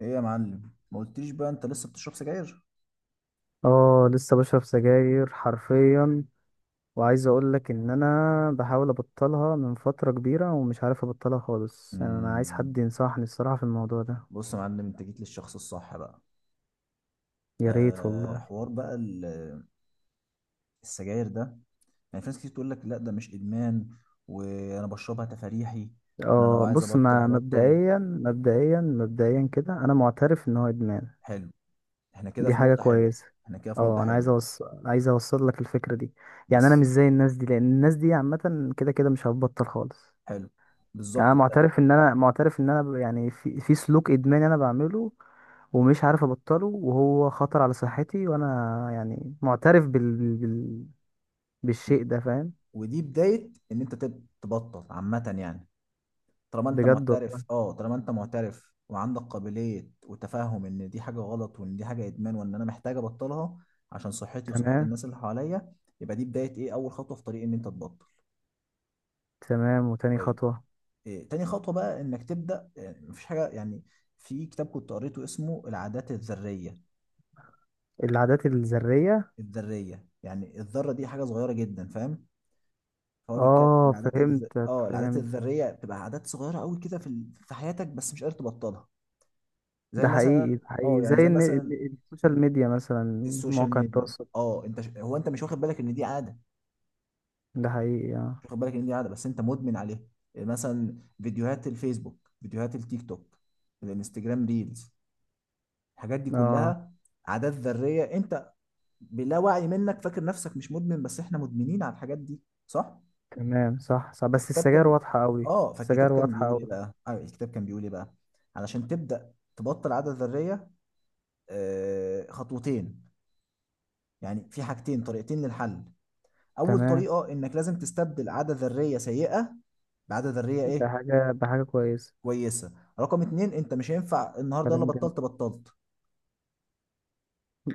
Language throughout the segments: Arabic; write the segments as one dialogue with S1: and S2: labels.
S1: ايه يا معلم، ما قلتليش بقى انت لسه بتشرب سجاير؟
S2: اه، لسه بشرب سجاير حرفيا. وعايز اقول لك ان انا بحاول ابطلها من فترة كبيرة ومش عارف ابطلها خالص. يعني انا عايز
S1: مم.
S2: حد ينصحني الصراحة في الموضوع ده.
S1: بص يا معلم، انت جيت للشخص الصح بقى.
S2: يا ريت
S1: أه،
S2: والله.
S1: حوار بقى السجاير ده، يعني في ناس كتير تقول لك لا ده مش ادمان وانا بشربها تفريحي، وانا لو
S2: اه
S1: عايز
S2: بص،
S1: ابطل
S2: ما
S1: هبطل.
S2: مبدئيا كده انا معترف ان هو ادمان.
S1: حلو. احنا كده
S2: دي
S1: في
S2: حاجة
S1: نقطة حلوة.
S2: كويسة.
S1: احنا كده في نقطة
S2: اه، انا عايز
S1: حلوة
S2: اوصل عايز اوصل لك الفكرة دي. يعني انا
S1: بس
S2: مش زي الناس دي، لان الناس دي عامة كده كده مش هتبطل خالص.
S1: حلو،
S2: يعني
S1: بالظبط
S2: انا
S1: انت.
S2: معترف ان انا يعني في سلوك ادماني انا بعمله، ومش عارف ابطله، وهو خطر على صحتي. وانا يعني معترف
S1: و-
S2: بالشيء ده، فاهم.
S1: ودي بداية ان انت تبطل عامة، يعني طالما انت
S2: بجد
S1: معترف،
S2: والله.
S1: اه طالما انت معترف وعندك قابلية وتفهم ان دي حاجة غلط وان دي حاجة ادمان وان انا محتاج ابطلها عشان صحتي وصحة
S2: تمام.
S1: الناس اللي حواليا، يبقى دي بداية ايه؟ اول خطوة في طريق ان انت تبطل.
S2: تمام، وتاني
S1: طيب،
S2: خطوة؟
S1: إيه تاني خطوة بقى؟ انك تبدأ، يعني مفيش حاجة يعني. في كتاب كنت قريته اسمه العادات الذرية.
S2: العادات الذرية.
S1: الذرية يعني الذرة دي حاجة صغيرة جدا، فاهم؟ فهو بيتكلم
S2: اه فهمتك،
S1: العادات
S2: فهمت.
S1: الذرية بتبقى عادات صغيرة قوي كده في حياتك، بس مش قادر تبطلها. زي
S2: ده
S1: مثلا،
S2: حقيقي، ده
S1: اه
S2: حقيقي. زي
S1: يعني زي
S2: ان
S1: مثلا
S2: السوشيال ميديا مثلا،
S1: السوشيال
S2: مواقع
S1: ميديا،
S2: التواصل.
S1: اه انت هو انت مش واخد بالك ان دي عاده،
S2: ده حقيقي اه.
S1: مش واخد بالك ان دي عاده بس انت مدمن عليها. يعني مثلا فيديوهات الفيسبوك، فيديوهات التيك توك، الانستجرام ريلز، الحاجات دي
S2: اه
S1: كلها عادات ذريه. انت بلا وعي منك فاكر نفسك مش مدمن، بس احنا مدمنين على الحاجات دي، صح.
S2: تمام، صح صح. بس
S1: الكتاب
S2: السجاير
S1: كان،
S2: واضحة قوي،
S1: اه فالكتاب
S2: السجاير
S1: كان
S2: واضحة
S1: بيقول ايه
S2: قوي.
S1: بقى؟ آه، الكتاب كان بيقول ايه بقى؟ علشان تبدا تبطل عاده ذريه، آه خطوتين، يعني في حاجتين، طريقتين للحل. اول
S2: تمام.
S1: طريقه انك لازم تستبدل عاده ذريه سيئه بعاده ذريه
S2: ده
S1: ايه
S2: حاجة ده حاجة كويسة.
S1: كويسه. رقم اتنين، انت مش هينفع النهارده يلا
S2: كلام جميل.
S1: بطلت بطلت.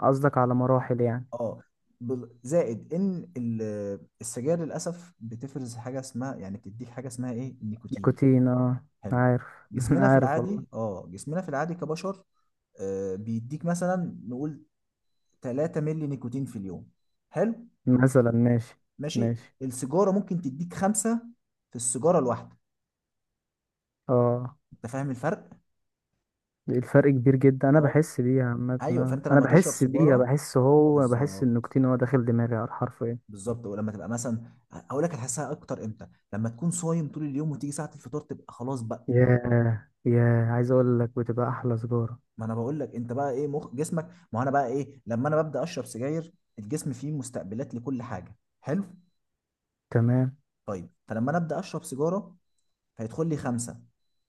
S2: قصدك على مراحل يعني؟
S1: اه، زائد ان السجاير للاسف بتفرز حاجه اسمها، يعني بتديك حاجه اسمها ايه، النيكوتين.
S2: نيكوتين اه،
S1: حلو.
S2: عارف.
S1: جسمنا في
S2: عارف والله.
S1: العادي، اه جسمنا في العادي كبشر، آه، بيديك مثلا نقول 3 مللي نيكوتين في اليوم. حلو،
S2: مثلا ماشي.
S1: ماشي.
S2: ماشي
S1: السيجاره ممكن تديك خمسة في السيجاره الواحده.
S2: اه.
S1: انت فاهم الفرق؟
S2: الفرق كبير جدا، انا
S1: اه،
S2: بحس بيها عامة
S1: ايوه،
S2: آه.
S1: فانت
S2: انا
S1: لما تشرب
S2: بحس بيها،
S1: سيجاره،
S2: بحس هو، بحس
S1: بالظبط،
S2: النيكوتين هو داخل دماغي على الحرف ايه.
S1: بالظبط. ولما تبقى مثلا، اقول لك هتحسها اكتر امتى؟ لما تكون صايم طول اليوم وتيجي ساعه الفطار، تبقى خلاص بقى.
S2: ياه ياه، عايز اقول لك بتبقى احلى سجارة.
S1: ما انا بقول لك، انت بقى ايه؟ مخ جسمك ما هو، انا بقى ايه؟ لما انا ببدا اشرب سجاير، الجسم فيه مستقبلات لكل حاجه، حلو.
S2: تمام.
S1: طيب، فلما انا ابدا اشرب سيجاره، هيدخل لي خمسه،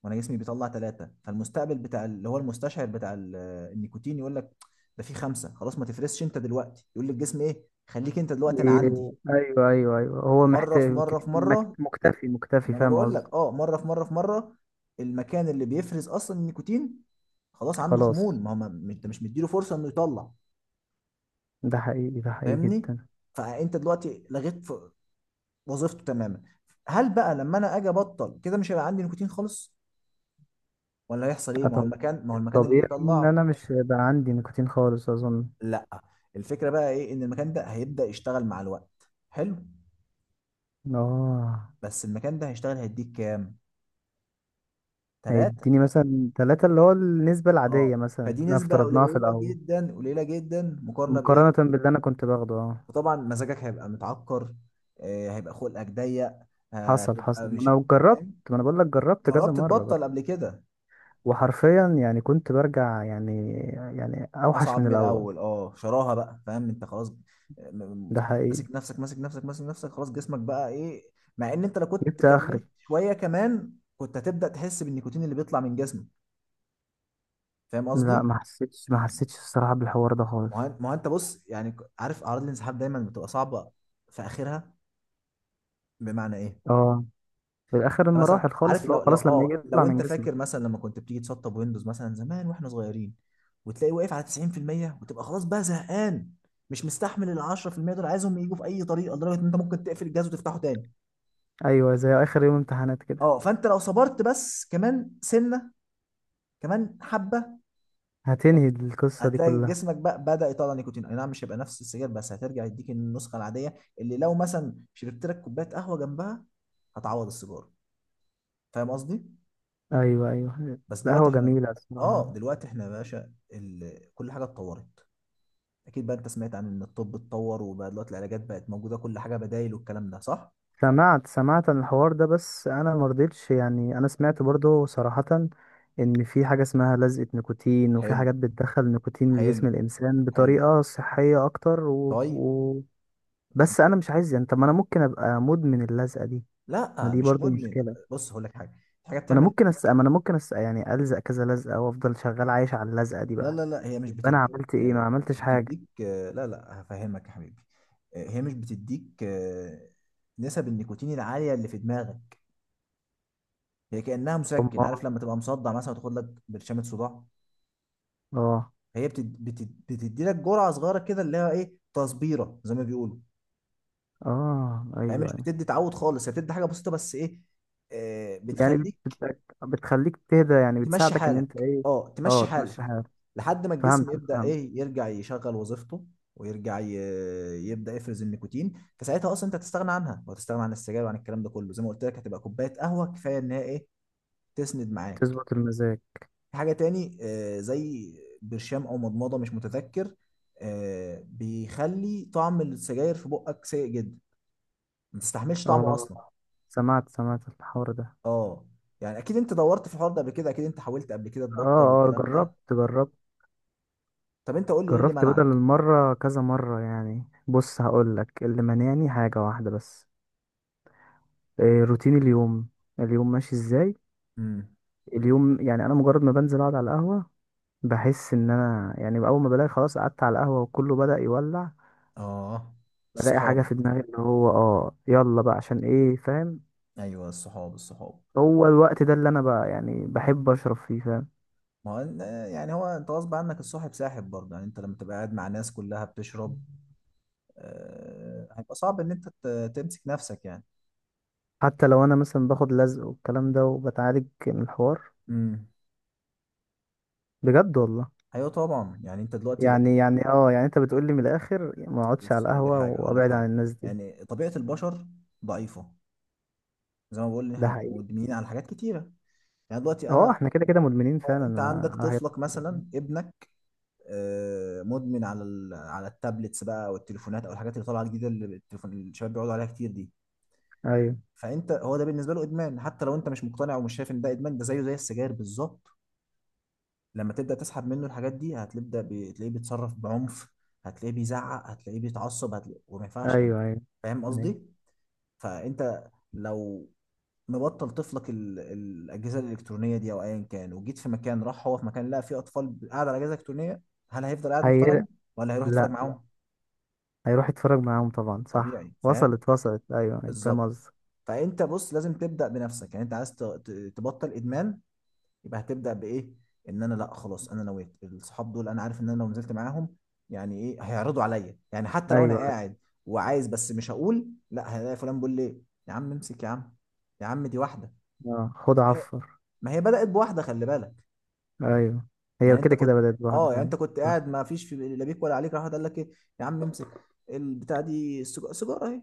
S1: وانا جسمي بيطلع ثلاثه، فالمستقبل بتاع اللي هو المستشعر بتاع النيكوتين يقول لك ده في خمسه خلاص، ما تفرسش انت دلوقتي، يقول للجسم ايه، خليك انت دلوقتي انا عندي
S2: إيه، ايوه ايوه ايوه، هو
S1: مره في
S2: محتاج.
S1: مره
S2: مكتفي
S1: في مره.
S2: مكتفي مكتفي،
S1: ما انا
S2: فاهم
S1: بقول لك،
S2: قصدي.
S1: اه مره في مره في مره. المكان اللي بيفرز اصلا النيكوتين خلاص عنده خمول،
S2: خلاص.
S1: ما هو انت مش مديله فرصه انه يطلع،
S2: ده حقيقي، ده حقيقي
S1: فاهمني؟
S2: جدا.
S1: فانت دلوقتي لغيت وظيفته تماما. هل بقى لما انا اجي ابطل كده مش هيبقى عندي نيكوتين خالص؟ ولا هيحصل ايه؟
S2: آه،
S1: ما هو المكان ما هو المكان اللي
S2: طبيعي ان
S1: بيطلع،
S2: انا مش هيبقى عندي نيكوتين خالص اظن.
S1: لا. الفكره بقى ايه؟ ان المكان ده هيبدا يشتغل مع الوقت، حلو.
S2: اه،
S1: بس المكان ده هيشتغل هيديك كام؟ ثلاثة.
S2: هيديني مثلا ثلاثة، اللي هو النسبة
S1: اه،
S2: العادية مثلا
S1: فدي
S2: احنا
S1: نسبه
S2: افترضناها في
S1: قليله
S2: الاول.
S1: جدا، قليله جدا، مقارنه بايه؟
S2: مقارنة باللي انا كنت باخده اه.
S1: فطبعا مزاجك هيبقى متعكر، آه، هيبقى خلقك ضيق،
S2: حصل
S1: هتبقى
S2: حصل، ما
S1: مش
S2: انا جربت.
S1: فاهم.
S2: ما انا بقول لك جربت كذا
S1: جربت
S2: مرة
S1: تبطل
S2: برضه.
S1: قبل كده؟
S2: وحرفيا يعني كنت برجع، يعني يعني اوحش
S1: اصعب
S2: من
S1: من
S2: الاول.
S1: الاول، اه شراها بقى، فاهم انت؟ خلاص، م- م-
S2: ده حقيقي.
S1: ماسك نفسك، ماسك نفسك، ماسك نفسك، خلاص جسمك بقى ايه. مع ان انت لو كنت
S2: جبت اخري.
S1: كملت شويه كمان كنت هتبدا تحس بالنيكوتين اللي بيطلع من جسمك، فاهم
S2: لا،
S1: قصدي؟
S2: ما حسيتش، ما حسيتش الصراحة بالحوار ده خالص.
S1: ما هو انت بص، يعني عارف اعراض الانسحاب دايما بتبقى صعبه في اخرها. بمعنى ايه؟
S2: اه، في اخر
S1: انت مثلا
S2: المراحل خالص،
S1: عارف،
S2: اللي هو خلاص لما يجي يطلع
S1: لو
S2: من
S1: انت فاكر
S2: جسمك.
S1: مثلا لما كنت بتيجي تسطب ويندوز مثلا زمان واحنا صغيرين، وتلاقي واقف على 90% وتبقى خلاص بقى زهقان، مش مستحمل ال 10% دول، عايزهم يجوا في اي طريقه، لدرجه ان انت ممكن تقفل الجهاز وتفتحه تاني.
S2: ايوه، زي اخر يوم امتحانات كده.
S1: اه، فانت لو صبرت بس كمان سنه، كمان حبه،
S2: هتنهي القصة دي
S1: هتلاقي
S2: كلها.
S1: جسمك بقى بدأ يطلع نيكوتين. اي نعم مش هيبقى نفس السجاير، بس هترجع يديك النسخه العاديه، اللي لو مثلا شربت لك كوبايه قهوه جنبها هتعوض السيجاره. فاهم قصدي؟
S2: أيوة أيوة.
S1: بس دلوقتي
S2: القهوة
S1: احنا،
S2: جميلة
S1: اه
S2: الصراحة.
S1: دلوقتي احنا يا باشا كل حاجه اتطورت، اكيد بقى انت سمعت عن ان الطب اتطور وبقى دلوقتي العلاجات بقت موجوده، كل حاجه بدايل، والكلام ده صح.
S2: سمعت، سمعت عن الحوار ده، بس أنا مرضتش. يعني أنا سمعت برضو صراحة إن في حاجة اسمها لزقة نيكوتين، وفي
S1: حلو،
S2: حاجات بتدخل نيكوتين لجسم
S1: حلو،
S2: الإنسان
S1: حلو،
S2: بطريقة صحية أكتر
S1: طيب. انت
S2: بس أنا مش عايز يعني. طب ما أنا ممكن أبقى مدمن اللزقة دي. ما
S1: لا
S2: دي
S1: مش
S2: برضو
S1: مدمن.
S2: مشكلة. ما
S1: بص هقول لك حاجه، في حاجه
S2: أنا
S1: بتعمل،
S2: ممكن أس... يعني ألزق كذا لزقة وأفضل شغال عايش على اللزقة دي
S1: لا
S2: بقى.
S1: لا لا هي مش
S2: يبقى
S1: بتديك،
S2: أنا عملت إيه؟ ما
S1: مش
S2: عملتش حاجة.
S1: بتديك، لا، هفهمك يا حبيبي. هي مش بتديك نسب النيكوتين العاليه اللي في دماغك. هي كانها
S2: أم.
S1: مسكن، عارف لما تبقى مصدع مثلا وتاخد لك برشامه صداع؟
S2: آه.
S1: بتدي لك جرعه صغيره كده، اللي هي ايه، تصبيره زي ما بيقولوا.
S2: اه
S1: هي
S2: ايوه
S1: مش
S2: ايوه.
S1: بتدي تعود خالص، هي بتدي حاجه بسيطه، بس ايه؟ آه،
S2: يعني
S1: بتخليك
S2: بتخليك تهدى، يعني
S1: تمشي
S2: بتساعدك ان انت
S1: حالك،
S2: ايه.
S1: اه تمشي
S2: اه،
S1: حالك،
S2: تمشي حالك.
S1: لحد ما
S2: فهمت
S1: الجسم يبدا
S2: فهمت.
S1: ايه، يرجع يشغل وظيفته، ويرجع ي... يبدا يفرز النيكوتين. فساعتها اصلا انت هتستغنى عنها، وهتستغنى عن السجاير وعن الكلام ده كله. زي ما قلت لك، هتبقى كوبايه قهوه كفايه ان هي ايه، تسند معاك.
S2: تظبط المزاج.
S1: في حاجة تاني، آه، زي برشام أو مضمضة، مش متذكر. آه، بيخلي طعم السجاير في بقك سيء جدا، ما تستحملش طعمه
S2: اه،
S1: أصلا.
S2: سمعت سمعت الحوار ده.
S1: اه، يعني أكيد أنت دورت في الحوار ده قبل كده، أكيد أنت حاولت قبل كده
S2: اه.
S1: تبطل
S2: اه
S1: والكلام ده.
S2: جربت جربت.
S1: طب أنت قول لي، إيه اللي
S2: جربت بدل
S1: منعك؟
S2: المرة كذا مرة يعني. بص هقولك اللي مانعني حاجة واحدة بس. إيه روتين اليوم. اليوم ماشي ازاي.
S1: امم،
S2: اليوم يعني انا مجرد ما بنزل اقعد على القهوة، بحس ان انا يعني اول ما بلاقي خلاص قعدت على القهوة وكله بدأ يولع.
S1: اه
S2: بلاقي حاجة
S1: الصحاب،
S2: في دماغي اللي هو اه يلا بقى عشان ايه، فاهم.
S1: أيوه الصحاب، الصحاب.
S2: هو الوقت ده اللي انا بقى يعني بحب اشرب فيه، فاهم.
S1: ما هو يعني هو أنت غصب عنك الصاحب ساحب برضه، يعني أنت لما تبقى قاعد مع ناس كلها بتشرب، آه، هيبقى صعب إن أنت تمسك نفسك يعني.
S2: حتى لو انا مثلا باخد لزق والكلام ده وبتعالج من الحوار.
S1: امم،
S2: بجد والله.
S1: ايوه طبعا، يعني انت دلوقتي،
S2: يعني انت بتقولي من الاخر ما اقعدش على
S1: بص اقول لك
S2: القهوة
S1: حاجه اقول لك
S2: وابعد عن
S1: حاجه
S2: الناس دي.
S1: يعني طبيعه البشر ضعيفه، زي ما بقول ان
S2: ده
S1: احنا
S2: حقيقي.
S1: مدمنين على حاجات كتيره. يعني دلوقتي
S2: اه
S1: انا،
S2: احنا كده كده مدمنين
S1: اه
S2: فعلا.
S1: انت عندك
S2: على حاجات
S1: طفلك
S2: كتير.
S1: مثلا، ابنك، مدمن على على التابلتس بقى والتليفونات او الحاجات اللي طالعه جديده، اللي التليفون الشباب بيقعدوا عليها كتير دي.
S2: ايوه
S1: فانت هو ده بالنسبه له ادمان، حتى لو انت مش مقتنع ومش شايف ان ده ادمان، ده زيه زي السجاير بالظبط. لما تبدا تسحب منه الحاجات دي، تلاقيه بيتصرف بعنف، هتلاقيه بيزعق، هتلاقيه بيتعصب، هتلاقيه وما
S2: ايوه.
S1: ينفعش يعني،
S2: ايوه
S1: فاهم
S2: ايوه.
S1: قصدي؟ فانت لو مبطل طفلك الاجهزه الالكترونيه دي او ايا كان، وجيت في مكان، راح هو في مكان لقى فيه اطفال قاعده على اجهزه الكترونيه، هل هيفضل قاعد
S2: هي،
S1: محترم؟ ولا هيروح يتفرج
S2: لا.
S1: معاهم؟
S2: هيروح يتفرج معاهم طبعا. صح،
S1: طبيعي، فاهم؟
S2: وصلت وصلت، ايوه ايوه فاهم
S1: بالظبط.
S2: قصدك.
S1: فانت بص، لازم تبدا بنفسك، يعني انت عايز تبطل ادمان، يبقى هتبدا بايه؟ ان انا لا خلاص انا نويت، الصحاب دول انا عارف ان انا لو نزلت معاهم يعني ايه، هيعرضوا عليا، يعني حتى
S2: ايوه
S1: لو انا
S2: ايوه.
S1: قاعد وعايز بس مش هقول لا، هلاقي فلان بيقول ليه يا عم امسك يا عم، يا عم دي واحده،
S2: اه خد عفو.
S1: ما هي بدأت بواحدة، خلي بالك.
S2: ايوه. هي
S1: يعني انت
S2: كده كده
S1: كنت،
S2: بدأت لوحدها
S1: اه يعني
S2: فعلا.
S1: انت كنت
S2: صح.
S1: قاعد ما فيش في لا بيك ولا عليك، راح واحد قال لك ايه، يا عم امسك البتاع دي، سيجارة اهي،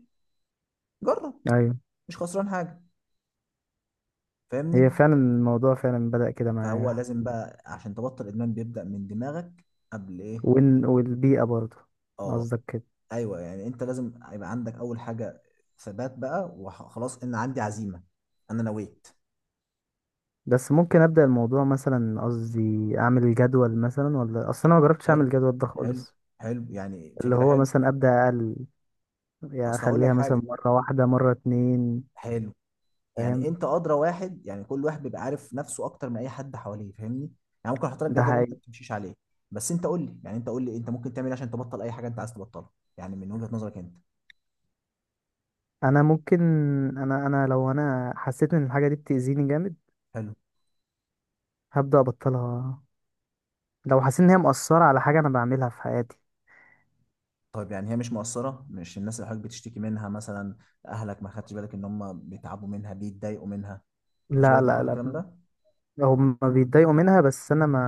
S1: جرب،
S2: ايوه
S1: مش خسران حاجة،
S2: هي
S1: فاهمني؟
S2: فعلا الموضوع فعلا بدأ كده
S1: فهو
S2: معايا.
S1: لازم بقى عشان تبطل ادمان بيبدأ من دماغك قبل ايه.
S2: والبيئة برضه،
S1: اه،
S2: قصدك كده.
S1: ايوه، يعني انت لازم يبقى عندك اول حاجة ثبات بقى، وخلاص ان عندي عزيمة، انا نويت.
S2: بس ممكن أبدأ الموضوع مثلا، قصدي أعمل جدول مثلا. ولا أصل أنا ما جربتش
S1: حلو،
S2: أعمل جدول ده
S1: حلو،
S2: خالص.
S1: حلو، يعني
S2: اللي
S1: فكرة
S2: هو
S1: حلوة.
S2: مثلا أبدأ أقل، يعني
S1: اصل هقول لك
S2: أخليها مثلا
S1: حاجة،
S2: مرة واحدة، مرة اتنين.
S1: حلو، يعني
S2: فاهم.
S1: انت ادرى واحد، يعني كل واحد بيبقى عارف نفسه اكتر من اي حد حواليه، فاهمني؟ يعني ممكن احط لك
S2: ده
S1: جدول انت
S2: حقيقي.
S1: ما تمشيش عليه. بس انت قول لي، انت ممكن تعمل ايه عشان تبطل اي حاجه انت عايز تبطلها؟ يعني من وجهه نظرك انت.
S2: أنا ممكن أنا لو أنا حسيت إن الحاجة دي بتأذيني جامد
S1: حلو.
S2: هبدأ أبطلها. لو حسيت إن هي مؤثرة على حاجة أنا بعملها في حياتي.
S1: طيب، يعني هي مش مقصره، مش الناس اللي حضرتك بتشتكي منها مثلا، اهلك، ما خدتش بالك ان هم بيتعبوا منها، بيتضايقوا منها، ما خدتش
S2: لا
S1: بالك من
S2: لا
S1: كل
S2: لا.
S1: الكلام ده؟
S2: هم بيتضايقوا منها، بس انا ما،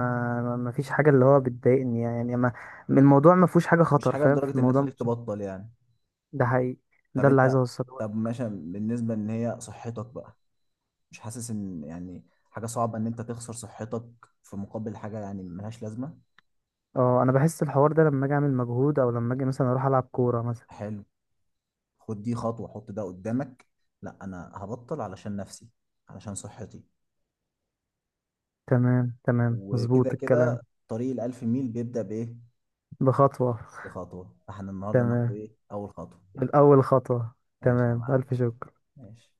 S2: ما فيش حاجه اللي هو بتضايقني يعني. ما الموضوع ما فيهوش حاجه
S1: مش
S2: خطر،
S1: حاجه
S2: فاهم، في
S1: لدرجه ان هي
S2: الموضوع ما
S1: تخليك
S2: فيش-.
S1: تبطل يعني؟
S2: ده حقيقي.
S1: طب
S2: ده اللي
S1: انت،
S2: عايز اوصله
S1: طب
S2: لك.
S1: ماشي، بالنسبه ان هي صحتك بقى، مش حاسس ان يعني حاجه صعبه ان انت تخسر صحتك في مقابل حاجه يعني ملهاش لازمه؟
S2: اه انا بحس الحوار ده لما اجي اعمل مجهود، او لما اجي مثلا اروح العب كوره مثلا.
S1: حلو، خد دي خطوة، حط ده قدامك، لا أنا هبطل علشان نفسي، علشان صحتي.
S2: تمام تمام،
S1: وكده
S2: مظبوط الكلام.
S1: كده، طريق الألف ميل بيبدأ بإيه؟
S2: بخطوه.
S1: بخطوة. فاحنا النهاردة ناخد
S2: تمام،
S1: إيه؟ أول خطوة.
S2: الاول خطوه.
S1: ماشي يا
S2: تمام،
S1: معلم،
S2: الف شكر.
S1: ماشي